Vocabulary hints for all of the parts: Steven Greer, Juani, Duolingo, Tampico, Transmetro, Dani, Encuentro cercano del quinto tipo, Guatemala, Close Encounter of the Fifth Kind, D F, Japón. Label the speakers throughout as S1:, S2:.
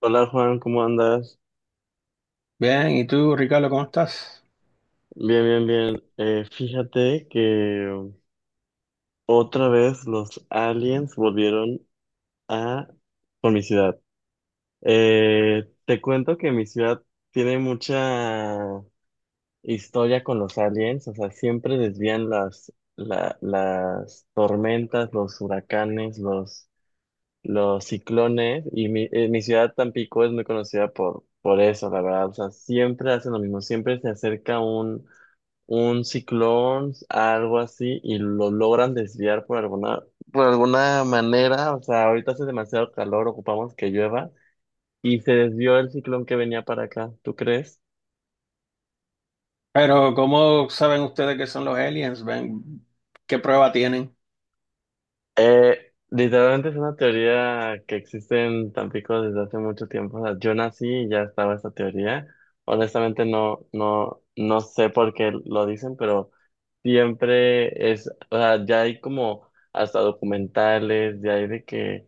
S1: Hola Juan, ¿cómo andas?
S2: Bien, ¿y tú, Ricardo, cómo estás?
S1: Bien, bien, bien. Fíjate que otra vez los aliens volvieron a por mi ciudad. Te cuento que mi ciudad tiene mucha historia con los aliens, o sea, siempre desvían las tormentas, los huracanes, los ciclones, y mi ciudad Tampico es muy conocida por eso, la verdad, o sea, siempre hacen lo mismo, siempre se acerca un ciclón, algo así, y lo logran desviar por alguna manera. O sea, ahorita hace demasiado calor, ocupamos que llueva, y se desvió el ciclón que venía para acá. ¿Tú crees?
S2: Pero, ¿cómo saben ustedes que son los aliens? ¿Ven? ¿Qué prueba tienen?
S1: Literalmente es una teoría que existe en Tampico desde hace mucho tiempo. O sea, yo nací y ya estaba esta teoría. Honestamente no sé por qué lo dicen, pero siempre es, o sea, ya hay como hasta documentales, ya hay de que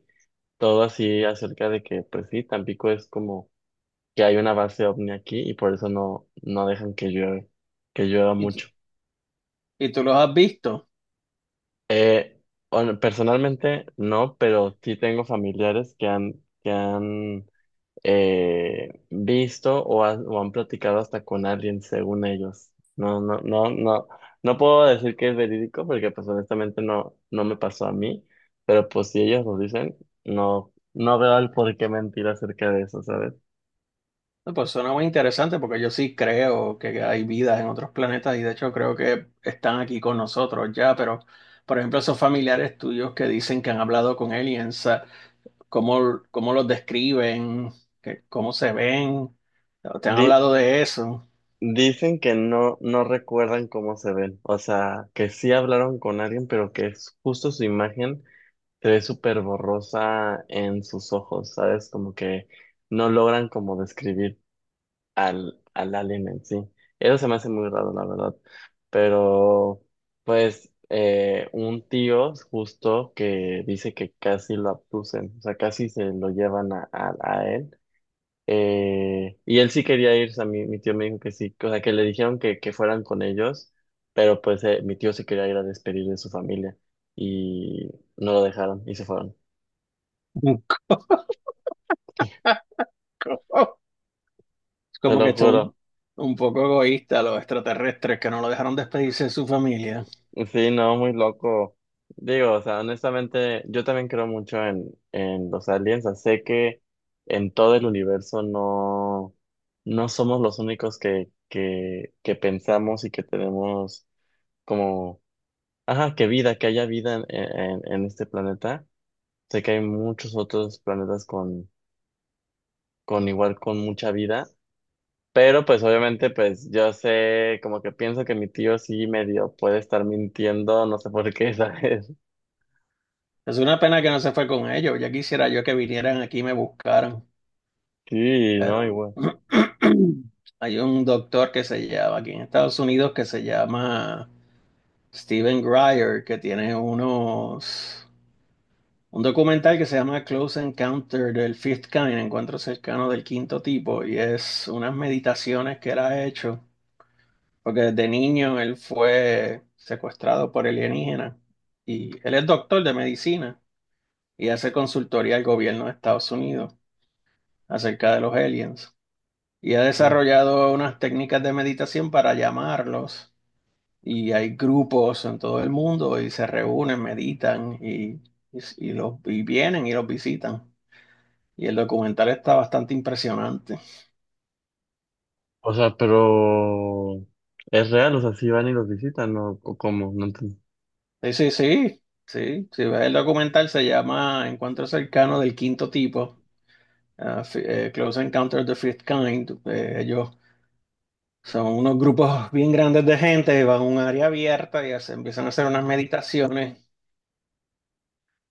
S1: todo así acerca de que, pues sí, Tampico es como que hay una base ovni aquí y por eso no dejan que llueve, que llueva
S2: ¿Y, tú-
S1: mucho.
S2: y tú los has visto?
S1: Eh, Personalmente no, pero sí tengo familiares que han visto o han platicado hasta con alguien, según ellos. No, no, no, no, no puedo decir que es verídico porque pues honestamente no me pasó a mí, pero pues si ellos lo dicen, no veo el por qué mentir acerca de eso, ¿sabes?
S2: No, pues suena muy interesante porque yo sí creo que hay vida en otros planetas y de hecho creo que están aquí con nosotros ya, pero por ejemplo esos familiares tuyos que dicen que han hablado con aliens, ¿cómo los describen? ¿Cómo se ven? ¿Te han
S1: Di-
S2: hablado de eso?
S1: Dicen que no recuerdan cómo se ven, o sea, que sí hablaron con alguien, pero que es justo su imagen se ve súper borrosa en sus ojos, ¿sabes? Como que no logran como describir al alien en sí. Eso se me hace muy raro, la verdad. Pero, pues, un tío justo que dice que casi lo abducen, o sea, casi se lo llevan a él, y él sí quería ir, o sea, mi tío me dijo que sí, o sea, que le dijeron que fueran con ellos, pero pues mi tío se quería ir a despedir de su familia y no lo dejaron y se fueron.
S2: Es
S1: Te
S2: como
S1: lo
S2: que son
S1: juro.
S2: un poco egoístas los extraterrestres que no lo dejaron despedirse de su familia.
S1: Sí, no, muy loco. Digo, o sea, honestamente, yo también creo mucho en los aliens. O sea, sé que en todo el universo no somos los únicos que pensamos y que tenemos como. Ajá, que haya vida en este planeta. Sé que hay muchos otros planetas con igual, con mucha vida, pero pues obviamente pues yo sé, como que pienso que mi tío sí medio puede estar mintiendo, no sé por qué, ¿sabes?
S2: Es una pena que no se fue con ellos. Ya quisiera yo que vinieran aquí y me buscaran.
S1: Sí, no,
S2: Pero
S1: igual.
S2: hay un doctor que se llama aquí en Estados Unidos que se llama Steven Greer, que tiene unos un documental que se llama Close Encounter del Fifth Kind, Encuentro cercano del quinto tipo, y es unas meditaciones que él ha hecho porque desde niño él fue secuestrado por alienígenas y él es doctor de medicina y hace consultoría al gobierno de Estados Unidos acerca de los aliens. Y ha
S1: Mm.
S2: desarrollado unas técnicas de meditación para llamarlos, y hay grupos en todo el mundo y se reúnen, meditan y vienen y los visitan. Y el documental está bastante impresionante.
S1: O sea, pero es real, o sea, sí van y los visitan, ¿no? ¿O cómo? No entiendo.
S2: Sí, sí, sí, sí. Si ves el documental se llama Encuentro cercano del quinto tipo. Ah, sí, Close Encounter of the Fifth Kind. Ellos son unos grupos bien grandes de gente, van a un área abierta y empiezan a hacer unas meditaciones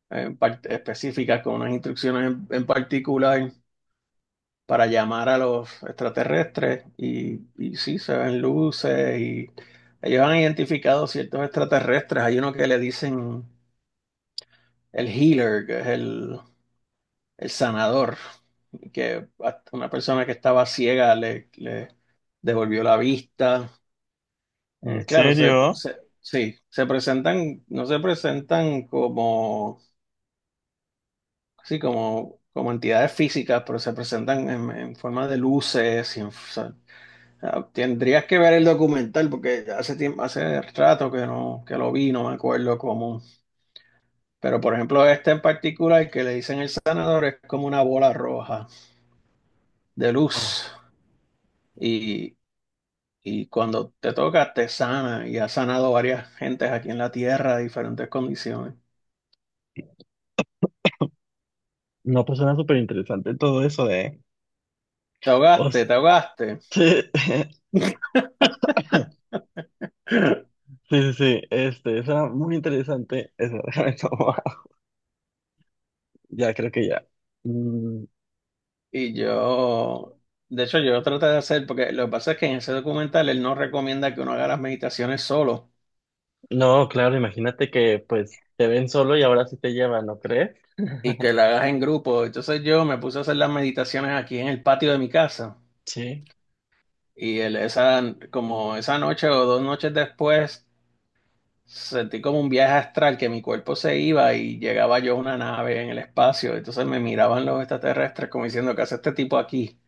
S2: eh, específicas con unas instrucciones en particular para llamar a los extraterrestres. Y sí, se ven luces y ellos han identificado ciertos extraterrestres. Hay uno que le dicen el Healer, que es el sanador, que a una persona que estaba ciega le devolvió la vista.
S1: ¿En
S2: Claro,
S1: serio?
S2: sí, se presentan, no se presentan como, sí, como entidades físicas, pero se presentan en forma de luces. Tendrías que ver el documental porque hace tiempo, hace rato que lo vi, no me acuerdo cómo. Pero por ejemplo, este en particular que le dicen el sanador es como una bola roja de
S1: Ah,
S2: luz. Y cuando te toca, te sana y ha sanado varias gentes aquí en la tierra de diferentes condiciones.
S1: no, pues suena súper interesante todo eso, ¿eh?
S2: Te
S1: O
S2: ahogaste,
S1: sea,
S2: te ahogaste.
S1: sí. Sí, sí, sí, este, esa muy interesante, esa, déjame tomar. Ya, creo que ya. Mm,
S2: Y de hecho, yo traté de hacer, porque lo que pasa es que en ese documental él no recomienda que uno haga las meditaciones solo
S1: no, claro, imagínate que pues te ven solo y ahora sí te llevan, ¿no crees?
S2: y que la hagas en grupo. Entonces yo me puse a hacer las meditaciones aquí en el patio de mi casa.
S1: Sí.
S2: Y el- esa, Como esa noche o dos noches después, sentí como un viaje astral que mi cuerpo se iba y llegaba yo a una nave en el espacio. Entonces me miraban los extraterrestres como diciendo, ¿qué hace este tipo aquí?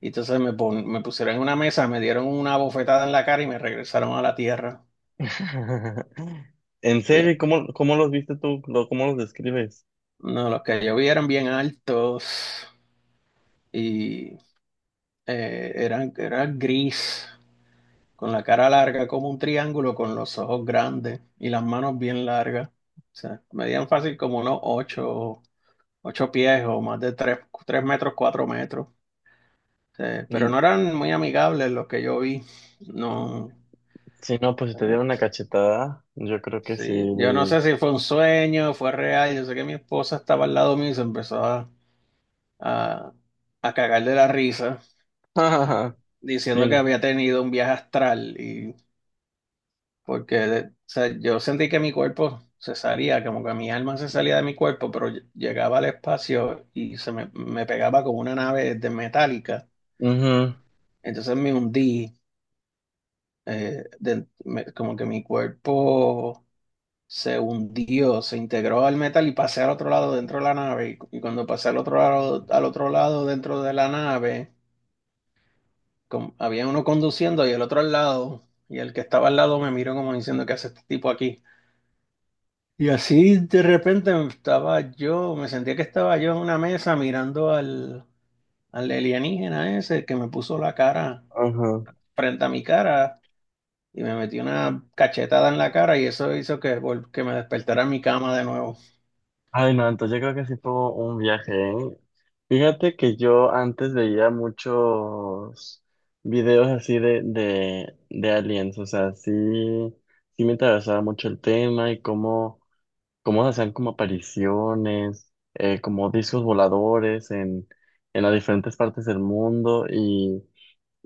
S2: Y entonces me pusieron en una mesa, me dieron una bofetada en la cara y me regresaron a la Tierra.
S1: En serio,
S2: Y
S1: ¿y cómo los viste tú? ¿Cómo los describes?
S2: no, los que yo vi eran bien altos y eran gris, con la cara larga como un triángulo, con los ojos grandes y las manos bien largas. O sea, medían fácil como unos ocho. Ocho pies o más de tres metros, cuatro metros. Pero
S1: Mm,
S2: no eran muy amigables los que yo vi. No,
S1: sí, no, pues si te
S2: eh,
S1: dieron una cachetada, yo creo que sí.
S2: sí. Yo no sé si fue un sueño, fue real. Yo sé que mi esposa estaba al lado mío y se empezó a, a, a cagar de la risa,
S1: Sí,
S2: diciendo que
S1: no.
S2: había tenido un viaje astral. Y porque, o sea, yo sentí que mi cuerpo se salía, como que mi alma se salía de mi cuerpo, pero llegaba al espacio y me pegaba como una nave de metálica.
S1: Ujú,
S2: Entonces me hundí, como que mi cuerpo se hundió, se integró al metal y pasé al otro lado dentro de la nave. Y cuando pasé al otro lado dentro de la nave, había uno conduciendo y el otro al lado. Y el que estaba al lado me miró como diciendo, ¿qué hace este tipo aquí? Y así de repente estaba yo, me sentía que estaba yo en una mesa mirando al alienígena ese que me puso la cara
S1: ujú.
S2: frente a mi cara y me metí una cachetada en la cara y eso hizo que, que me despertara en mi cama de nuevo.
S1: Ay, no, entonces yo creo que sí fue un viaje, ¿eh? Fíjate que yo antes veía muchos videos así de aliens, o sea, sí, sí me interesaba mucho el tema y cómo, cómo hacían como apariciones, como discos voladores en las diferentes partes del mundo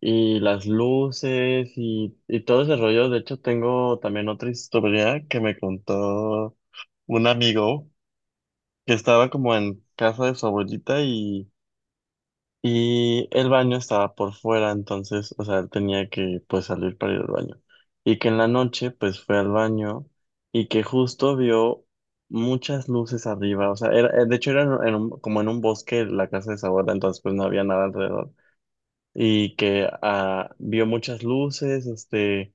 S1: y las luces y todo ese rollo. De hecho, tengo también otra historia que me contó un amigo que estaba como en casa de su abuelita y el baño estaba por fuera, entonces, o sea, él tenía que pues salir para ir al baño. Y que en la noche pues fue al baño y que justo vio muchas luces arriba, o sea, era, de hecho era en como en un bosque la casa de su abuela, entonces pues no había nada alrededor. Y que ah, vio muchas luces, este...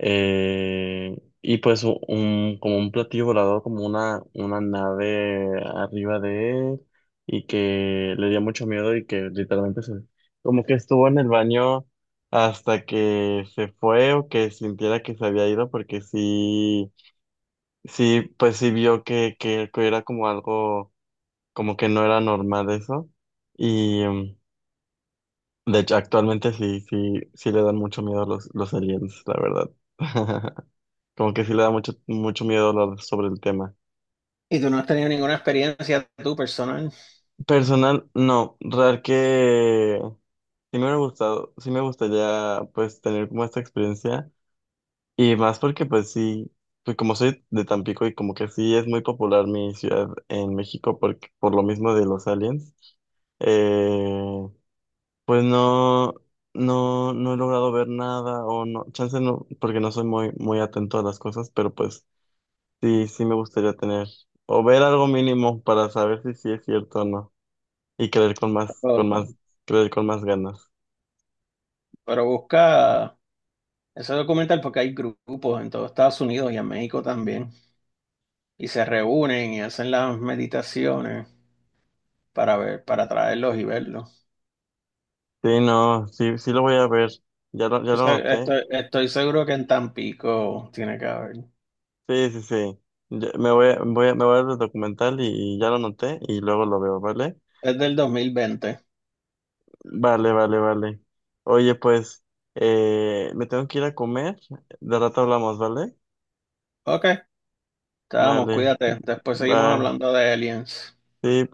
S1: Eh, y pues un, como un platillo volador, como una nave arriba de él y que le dio mucho miedo y que literalmente se, como que estuvo en el baño hasta que se fue o que sintiera que se había ido porque sí, sí, pues sí vio que era como algo, como que no era normal eso y de hecho actualmente sí, sí, sí le dan mucho miedo los aliens, la verdad. Como que sí le da mucho, mucho miedo hablar sobre el tema.
S2: Y tú no has tenido ninguna experiencia tú personal,
S1: Personal, no. Real que sí me hubiera gustado, sí me gustaría pues tener como esta experiencia. Y más porque pues sí, pues como soy de Tampico y como que sí es muy popular mi ciudad en México porque, por lo mismo de los aliens. Eh, pues no, no he logrado ver nada o no, chance no, porque no soy muy, muy atento a las cosas, pero pues sí, sí me gustaría tener o ver algo mínimo para saber si sí es cierto o no y creer con más,
S2: pero,
S1: creer con más ganas.
S2: pero busca ese documental porque hay grupos en todo Estados Unidos y en México también y se reúnen y hacen las meditaciones para ver, para traerlos y verlos.
S1: Sí, no, sí, sí lo voy a ver. Ya lo noté.
S2: Estoy, estoy seguro que en Tampico tiene que haber.
S1: Sí, sí, sí. Me voy a ver el documental y ya lo noté y luego lo veo, ¿vale?
S2: Es del 2020.
S1: Vale, vale, vale. Oye, pues, me tengo que ir a comer. De rato hablamos, ¿vale?
S2: Ok, estamos,
S1: Vale.
S2: cuídate. Después seguimos
S1: Bye.
S2: hablando de aliens.
S1: Sí.